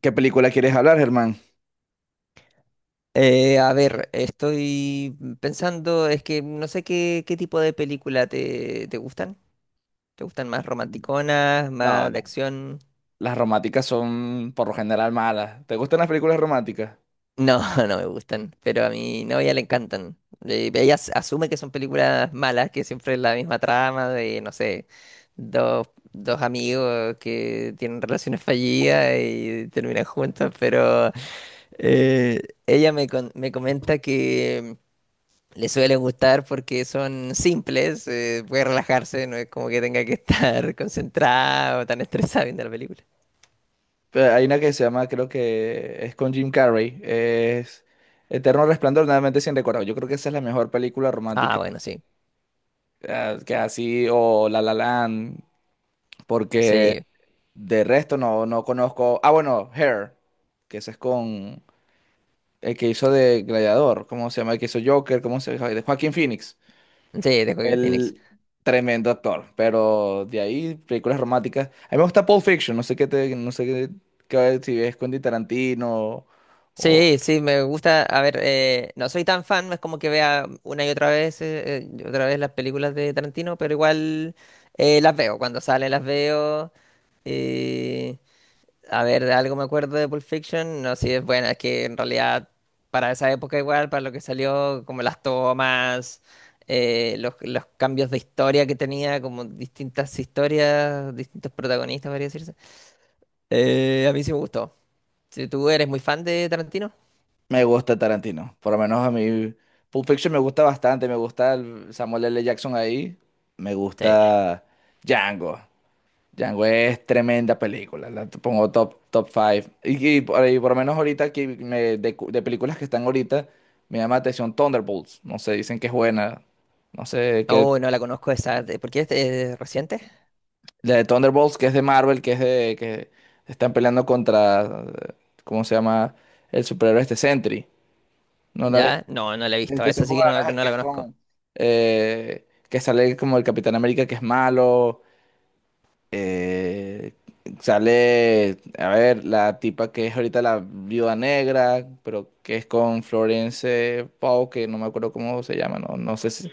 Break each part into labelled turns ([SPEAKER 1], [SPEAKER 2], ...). [SPEAKER 1] ¿Qué película quieres hablar, Germán?
[SPEAKER 2] Estoy pensando, es que no sé qué tipo de película te gustan. ¿Te gustan más romanticonas,
[SPEAKER 1] No,
[SPEAKER 2] más de
[SPEAKER 1] no.
[SPEAKER 2] acción?
[SPEAKER 1] Las románticas son por lo general malas. ¿Te gustan las películas románticas?
[SPEAKER 2] No, no me gustan, pero a mi novia le encantan. Ella asume que son películas malas, que siempre es la misma trama de, no sé, dos amigos que tienen relaciones fallidas y terminan juntos, pero eh, me comenta que le suelen gustar porque son simples, puede relajarse, no es como que tenga que estar concentrado o tan estresado viendo la película.
[SPEAKER 1] Hay una que se llama, creo que es con Jim Carrey. Es Eterno Resplandor, de una mente sin recuerdo. Yo creo que esa es la mejor película
[SPEAKER 2] Ah,
[SPEAKER 1] romántica
[SPEAKER 2] bueno, sí,
[SPEAKER 1] que así, o La La Land, porque
[SPEAKER 2] sí,
[SPEAKER 1] de resto no conozco. Ah, bueno, Hair, que ese es con el que hizo de Gladiador. ¿Cómo se llama? El que hizo Joker, ¿cómo se llama? De Joaquin Phoenix.
[SPEAKER 2] sí, de Joaquin Phoenix.
[SPEAKER 1] El tremendo actor, pero de ahí películas románticas. A mí me gusta Pulp Fiction, no sé qué, si ves Quentin Tarantino o
[SPEAKER 2] Sí, sí, me gusta, a ver, no soy tan fan, no es como que vea una y otra vez las películas de Tarantino, pero igual las veo, cuando salen las veo. eh, A ver, de algo me acuerdo de Pulp Fiction. No, sí es buena, es que en realidad para esa época igual, para lo que salió, como las tomas, los cambios de historia que tenía, como distintas historias, distintos protagonistas, podría decirse. A mí sí me gustó. Si ¿tú eres muy fan de Tarantino?
[SPEAKER 1] me gusta Tarantino. Por lo menos a mí Pulp Fiction me gusta bastante, me gusta el Samuel L. Jackson ahí, me
[SPEAKER 2] Sí.
[SPEAKER 1] gusta Django. Django es tremenda película, pongo top top five. Y por ahí, por lo menos ahorita que me- de, cu- de películas que están ahorita me llama la atención Thunderbolts, no sé, dicen que es buena. No sé, ¿qué?
[SPEAKER 2] Oh, no la conozco esa. ¿Por qué es reciente?
[SPEAKER 1] La de Thunderbolts, que es de Marvel, que es de que están peleando contra, eh, ¿cómo se llama? El superhéroe este Sentry. ¿No la ves?
[SPEAKER 2] Ya, no, no la he
[SPEAKER 1] Es
[SPEAKER 2] visto.
[SPEAKER 1] que son
[SPEAKER 2] Esa sí
[SPEAKER 1] como
[SPEAKER 2] que no,
[SPEAKER 1] la
[SPEAKER 2] no
[SPEAKER 1] que
[SPEAKER 2] la
[SPEAKER 1] es
[SPEAKER 2] conozco.
[SPEAKER 1] con, que sale como el Capitán América que es malo. eh, Sale, a ver, la tipa que es ahorita la Viuda Negra, pero que es con Florence Pugh, que no me acuerdo cómo se llama. No, no sé si,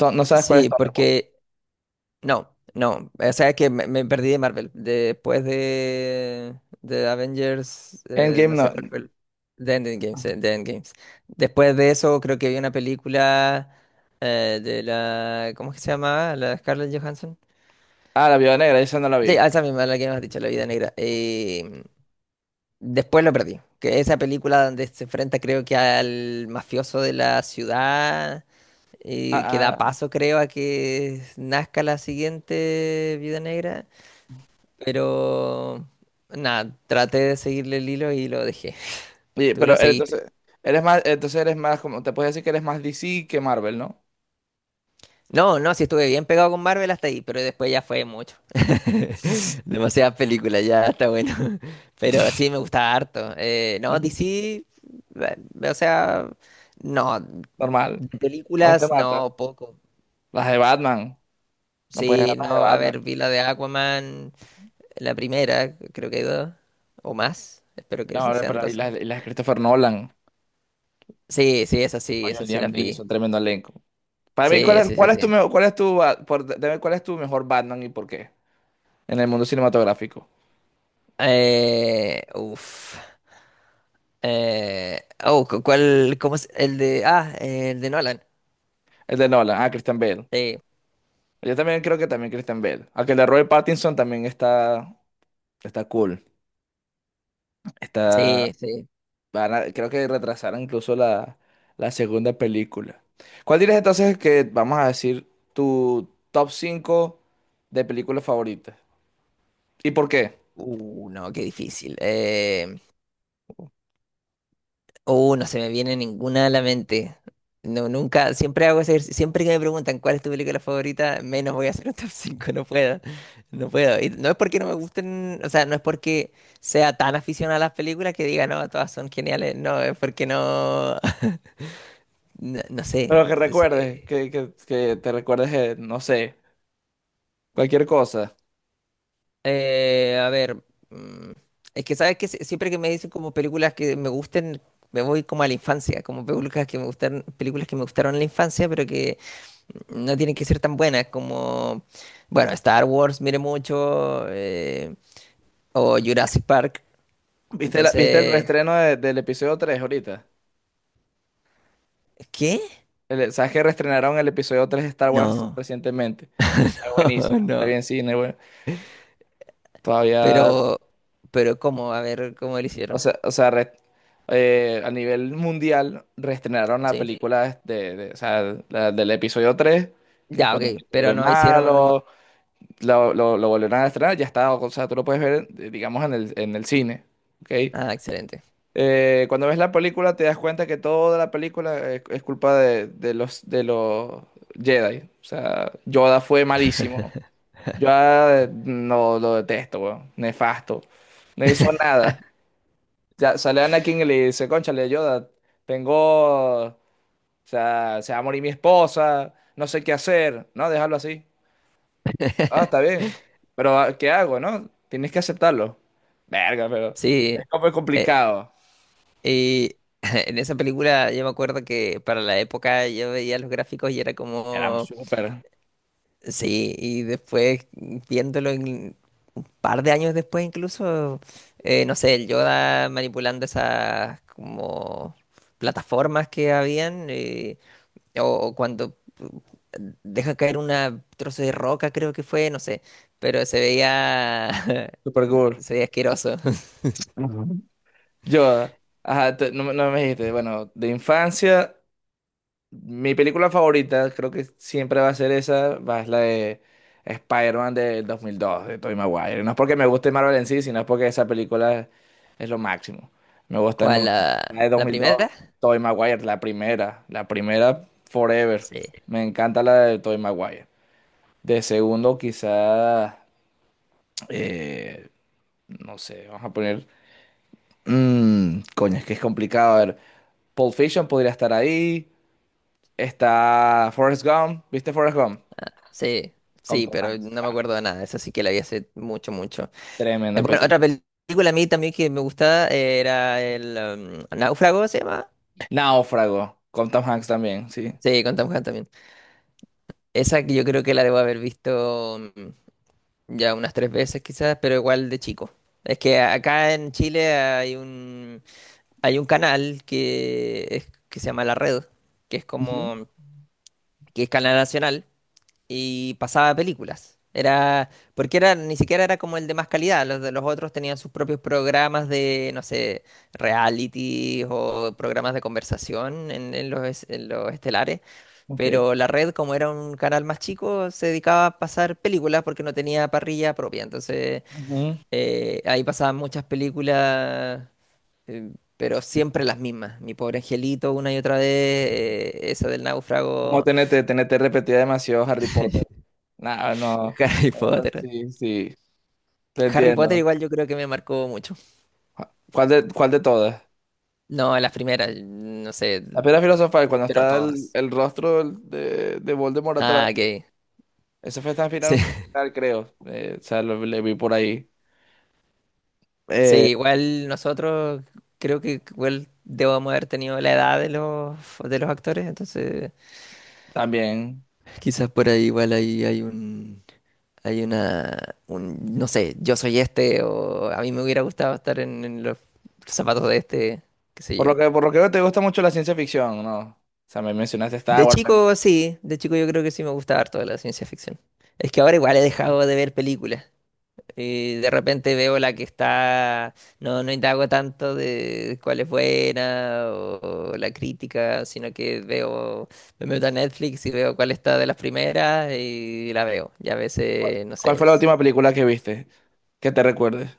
[SPEAKER 1] no, no sabes cuál es
[SPEAKER 2] Sí,
[SPEAKER 1] Thunderbolts.
[SPEAKER 2] porque no, no. O sea que me perdí de Marvel. Después de Avengers,
[SPEAKER 1] Endgame
[SPEAKER 2] no sé
[SPEAKER 1] no.
[SPEAKER 2] cuál fue el. The Endgames, The Endgames. Después de eso, creo que había una película de la. ¿Cómo es que se llamaba? La de Scarlett Johansson.
[SPEAKER 1] Ah, la Viuda Negra, esa no la
[SPEAKER 2] Sí,
[SPEAKER 1] vi.
[SPEAKER 2] a esa misma, la que hemos dicho, La Vida Negra. Después lo perdí. Que esa película donde se enfrenta, creo que al mafioso de la ciudad. Y que
[SPEAKER 1] Ah,
[SPEAKER 2] da
[SPEAKER 1] ah.
[SPEAKER 2] paso, creo, a que nazca la siguiente Vida Negra. Pero nada, traté de seguirle el hilo y lo dejé.
[SPEAKER 1] Oye,
[SPEAKER 2] Tú
[SPEAKER 1] pero
[SPEAKER 2] lo
[SPEAKER 1] eres-
[SPEAKER 2] seguiste.
[SPEAKER 1] entonces, entonces eres más como, te puedes decir que eres más DC que Marvel, ¿no?
[SPEAKER 2] No, no, sí estuve bien pegado con Marvel hasta ahí, pero después ya fue mucho. Demasiadas películas, ya está bueno. Pero sí, me gustaba harto. No, DC, eh, o sea, no,
[SPEAKER 1] Normal,
[SPEAKER 2] de
[SPEAKER 1] no te
[SPEAKER 2] películas
[SPEAKER 1] mata.
[SPEAKER 2] no, poco.
[SPEAKER 1] Las de Batman, no puedes ver
[SPEAKER 2] Sí,
[SPEAKER 1] las de
[SPEAKER 2] no, a ver,
[SPEAKER 1] Batman.
[SPEAKER 2] vi la de Aquaman, la primera, creo que hay dos, o más. Espero que
[SPEAKER 1] No,
[SPEAKER 2] sean
[SPEAKER 1] pero ahí
[SPEAKER 2] dos
[SPEAKER 1] las, y
[SPEAKER 2] solamente.
[SPEAKER 1] las de Christopher Nolan,
[SPEAKER 2] Sí, sí, esas sí,
[SPEAKER 1] coño, el
[SPEAKER 2] esas sí
[SPEAKER 1] Liam
[SPEAKER 2] las vi.
[SPEAKER 1] Neeson, tremendo elenco. Para mí,
[SPEAKER 2] Sí, sí, sí,
[SPEAKER 1] cuál es tu
[SPEAKER 2] sí.
[SPEAKER 1] mejor, cuál es tu, dime cuál es tu mejor Batman y por qué? En el mundo cinematográfico.
[SPEAKER 2] Eh, uf. ¿Cuál? ¿Cómo es? El de. Ah, el de Nolan.
[SPEAKER 1] El de Nolan, ah, Christian Bale.
[SPEAKER 2] Sí,
[SPEAKER 1] Yo también creo que también Christian Bale. Aunque el de Robert Pattinson también está, está cool. Está.
[SPEAKER 2] sí, sí.
[SPEAKER 1] Creo que retrasaron incluso la, la segunda película. ¿Cuál dirías entonces que vamos a decir tu top 5 de películas favoritas? ¿Y por qué?
[SPEAKER 2] No, qué difícil. No se me viene ninguna a la mente. No, nunca, siempre hago ese ejercicio. Siempre que me preguntan cuál es tu película favorita, menos voy a hacer un top 5. No puedo. No puedo. Y no es porque no me gusten, o sea, no es porque sea tan aficionado a las películas que diga, no, todas son geniales. No, es porque no. No, no sé.
[SPEAKER 1] Pero que recuerdes, que te recuerdes, no sé, cualquier cosa.
[SPEAKER 2] A ver, mm, es que sabes que siempre que me dicen como películas que me gusten, me voy como a la infancia, como películas que me gustan, películas que me gustaron en la infancia, pero que no tienen que ser tan buenas, como, bueno, Star Wars, mire mucho, o Jurassic Park.
[SPEAKER 1] ¿Viste, viste el
[SPEAKER 2] Entonces,
[SPEAKER 1] reestreno del episodio 3 ahorita?
[SPEAKER 2] ¿qué?
[SPEAKER 1] ¿Sabes que reestrenaron el episodio 3 de Star Wars
[SPEAKER 2] No,
[SPEAKER 1] recientemente? Es
[SPEAKER 2] no,
[SPEAKER 1] buenísima, yo la vi
[SPEAKER 2] no.
[SPEAKER 1] en cine. Bueno, todavía.
[SPEAKER 2] Pero, pero ¿cómo? A ver, ¿cómo lo
[SPEAKER 1] O
[SPEAKER 2] hicieron?
[SPEAKER 1] sea, o sea, re- a nivel mundial reestrenaron la
[SPEAKER 2] Sí.
[SPEAKER 1] película o sea, la del episodio 3, que es
[SPEAKER 2] Ya,
[SPEAKER 1] cuando se
[SPEAKER 2] ok, pero
[SPEAKER 1] vuelve
[SPEAKER 2] no hicieron...
[SPEAKER 1] malo, lo volvieron a estrenar, ya está. O sea, tú lo puedes ver, digamos, en el cine, ¿ok?
[SPEAKER 2] Ah, excelente.
[SPEAKER 1] Cuando ves la película te das cuenta que toda la película es culpa de los Jedi. O sea, Yoda fue malísimo. Yoda no lo detesto, weón, nefasto, no hizo nada. Ya sale Anakin y le dice, cónchale, Yoda, tengo, o sea, se va a morir mi esposa, no sé qué hacer. No, déjalo así. Ah, está bien, pero ah, ¿qué hago, no? Tienes que aceptarlo. Verga, pero
[SPEAKER 2] Sí,
[SPEAKER 1] es como
[SPEAKER 2] eh,
[SPEAKER 1] complicado.
[SPEAKER 2] y en esa película yo me acuerdo que para la época yo veía los gráficos y era
[SPEAKER 1] Éramos
[SPEAKER 2] como,
[SPEAKER 1] súper,
[SPEAKER 2] sí, y después viéndolo un par de años después incluso, no sé, el Yoda manipulando esas como plataformas que habían, o cuando deja caer una trozo de roca creo que fue, no sé, pero se veía,
[SPEAKER 1] súper cool.
[SPEAKER 2] se veía asqueroso.
[SPEAKER 1] Ujú. Yoda, ajá, no, me no me dijiste, bueno, de infancia. Mi película favorita creo que siempre va a ser esa, va es la de Spider-Man del 2002, de Tobey Maguire. No es porque me guste Marvel en sí, sino es porque esa película es lo máximo. Me gusta, me
[SPEAKER 2] ¿Cuál?
[SPEAKER 1] encanta la
[SPEAKER 2] ¿La,
[SPEAKER 1] de
[SPEAKER 2] la
[SPEAKER 1] 2002,
[SPEAKER 2] primera?
[SPEAKER 1] Tobey Maguire, la primera forever.
[SPEAKER 2] Sí.
[SPEAKER 1] Me encanta la de Tobey Maguire. De segundo quizá, eh, no sé, vamos a poner... coño, es que es complicado. A ver, Pulp Fiction podría estar ahí. Está Forrest Gump. ¿Viste Forrest Gump?
[SPEAKER 2] Sí,
[SPEAKER 1] Con
[SPEAKER 2] sí,
[SPEAKER 1] Tom
[SPEAKER 2] pero
[SPEAKER 1] Hanks
[SPEAKER 2] no me
[SPEAKER 1] también.
[SPEAKER 2] acuerdo de nada. Esa sí que la vi hace mucho, mucho.
[SPEAKER 1] Tremenda
[SPEAKER 2] Bueno, otra
[SPEAKER 1] película.
[SPEAKER 2] película a mí también que me gustaba era el Náufrago, ¿se llama?
[SPEAKER 1] Náufrago, con Tom Hanks también, sí.
[SPEAKER 2] Sí, con Tom Hanks también. Esa que yo creo que la debo haber visto ya unas tres veces quizás, pero igual de chico. Es que acá en Chile hay un canal que se llama La Red, que es
[SPEAKER 1] Ujú.
[SPEAKER 2] como que es canal nacional y pasaba películas. Era, porque era, ni siquiera era como el de más calidad, los de los otros tenían sus propios programas de, no sé, reality o programas de conversación en los, en los estelares,
[SPEAKER 1] Ok.
[SPEAKER 2] pero la red, como era un canal más chico, se dedicaba a pasar películas porque no tenía parrilla propia, entonces
[SPEAKER 1] Ujú.
[SPEAKER 2] ahí pasaban muchas películas, eh, pero siempre las mismas. Mi pobre angelito, una y otra vez, esa del
[SPEAKER 1] Como
[SPEAKER 2] náufrago,
[SPEAKER 1] TNT, TNT repetía demasiado Harry Potter. No, no.
[SPEAKER 2] Harry
[SPEAKER 1] Ah,
[SPEAKER 2] Potter.
[SPEAKER 1] sí, sí. Te
[SPEAKER 2] Harry Potter
[SPEAKER 1] entiendo.
[SPEAKER 2] igual yo creo que me marcó mucho.
[SPEAKER 1] Cuál de todas?
[SPEAKER 2] No, las primeras, no sé.
[SPEAKER 1] La piedra filosofal, cuando
[SPEAKER 2] Pero
[SPEAKER 1] está
[SPEAKER 2] todas.
[SPEAKER 1] el rostro de Voldemort atrás.
[SPEAKER 2] Ah, ok.
[SPEAKER 1] Eso fue tan
[SPEAKER 2] Sí,
[SPEAKER 1] final, creo. O sea, le vi por ahí.
[SPEAKER 2] sí,
[SPEAKER 1] Eh,
[SPEAKER 2] igual nosotros creo que igual debemos haber tenido la edad de los actores, entonces
[SPEAKER 1] También.
[SPEAKER 2] quizás por ahí igual ahí hay un hay una un no sé, yo soy este o a mí me hubiera gustado estar en los zapatos de este, qué sé yo.
[SPEAKER 1] Por lo que veo, te gusta mucho la ciencia ficción, ¿no? O sea, me mencionaste Star
[SPEAKER 2] De
[SPEAKER 1] Wars.
[SPEAKER 2] chico sí, de chico yo creo que sí me gustaba harto la ciencia ficción. Es que ahora igual he dejado de ver películas. Y de repente veo la que está, no, no indago tanto de cuál es buena o la crítica, sino que veo, me meto a Netflix y veo cuál está de las primeras y la veo. Y a veces, no
[SPEAKER 1] ¿Cuál
[SPEAKER 2] sé,
[SPEAKER 1] fue la
[SPEAKER 2] es-
[SPEAKER 1] última película que viste? Que te recuerdes.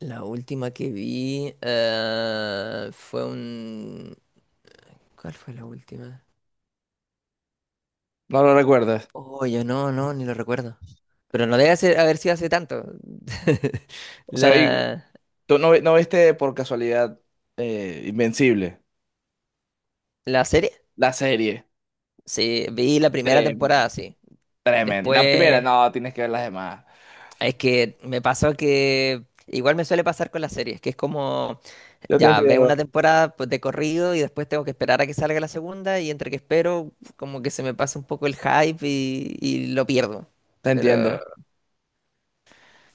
[SPEAKER 2] la última que vi fue un... ¿Cuál fue la última?
[SPEAKER 1] No lo recuerdas.
[SPEAKER 2] Oh, yo no, no, ni lo recuerdo. Pero no debe ser, haber sido hace tanto.
[SPEAKER 1] O sea, y
[SPEAKER 2] La,
[SPEAKER 1] tú no, no viste por casualidad Invencible,
[SPEAKER 2] la serie.
[SPEAKER 1] la serie.
[SPEAKER 2] Sí, vi la primera
[SPEAKER 1] Tremendo,
[SPEAKER 2] temporada, sí.
[SPEAKER 1] tremendo. La primera,
[SPEAKER 2] Después,
[SPEAKER 1] no, tienes que ver las demás.
[SPEAKER 2] es que me pasó que igual me suele pasar con las series, que es como,
[SPEAKER 1] Yo te
[SPEAKER 2] ya veo una
[SPEAKER 1] entiendo.
[SPEAKER 2] temporada pues, de corrido y después tengo que esperar a que salga la segunda y entre que espero, como que se me pasa un poco el hype y lo pierdo.
[SPEAKER 1] Te
[SPEAKER 2] Pero
[SPEAKER 1] entiendo.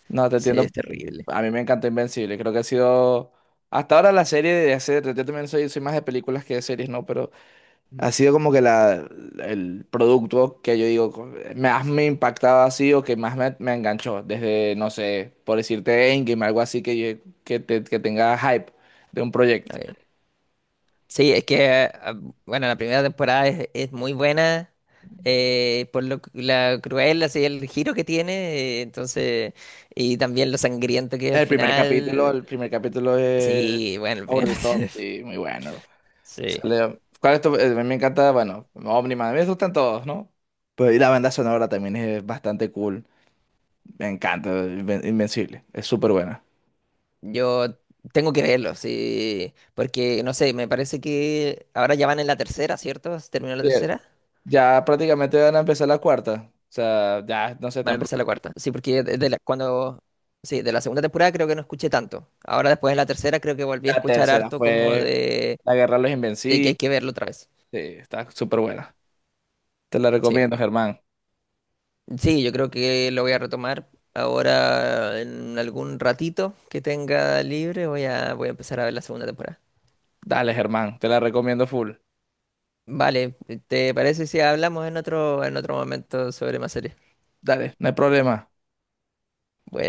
[SPEAKER 1] No, te
[SPEAKER 2] sí,
[SPEAKER 1] entiendo.
[SPEAKER 2] es terrible.
[SPEAKER 1] A mí me encanta Invencible. Creo que ha sido hasta ahora la serie de hacer. Yo también soy, soy más de películas que de series, ¿no?
[SPEAKER 2] Mm,
[SPEAKER 1] Ha sido como que la, el producto que yo digo, más me impactaba así, o que más me, me enganchó, desde, no sé, por decirte Endgame, algo así que, que tenga hype de un proyecto.
[SPEAKER 2] ok. Sí, es que, ah, bueno, la primera temporada es muy buena. La cruel, así el giro que tiene, y también lo sangriento que es al final.
[SPEAKER 1] El primer capítulo es
[SPEAKER 2] Sí, bueno, el
[SPEAKER 1] Over
[SPEAKER 2] primero.
[SPEAKER 1] the Top, sí, muy bueno.
[SPEAKER 2] Sí.
[SPEAKER 1] ¿Cuál es tu- me encanta, bueno, Omniman? A mí me gustan todos, ¿no? Pero y la banda sonora también es bastante cool. Me encanta, Invencible, es súper buena.
[SPEAKER 2] Yo tengo que verlo, sí. Porque, no sé, me parece que ahora ya van en la tercera, ¿cierto? ¿Se terminó la tercera?
[SPEAKER 1] Ya prácticamente van a empezar la cuarta. O sea, ya no sé
[SPEAKER 2] Van a
[SPEAKER 1] tan
[SPEAKER 2] empezar la cuarta. Sí, porque cuando. Sí, de la segunda temporada creo que no escuché tanto. Ahora después de la tercera creo que volví a
[SPEAKER 1] La
[SPEAKER 2] escuchar
[SPEAKER 1] tercera
[SPEAKER 2] harto como
[SPEAKER 1] fue La Guerra de los
[SPEAKER 2] de que
[SPEAKER 1] Invencibles.
[SPEAKER 2] hay que verlo otra vez.
[SPEAKER 1] Sí, está súper buena. Te la
[SPEAKER 2] Sí.
[SPEAKER 1] recomiendo, Germán.
[SPEAKER 2] Sí, yo creo que lo voy a retomar ahora en algún ratito que tenga libre. Voy a empezar a ver la segunda temporada.
[SPEAKER 1] Dale, Germán, te la recomiendo full.
[SPEAKER 2] Vale, ¿te parece si hablamos en otro momento sobre más series?
[SPEAKER 1] Dale, no hay problema.
[SPEAKER 2] Bueno,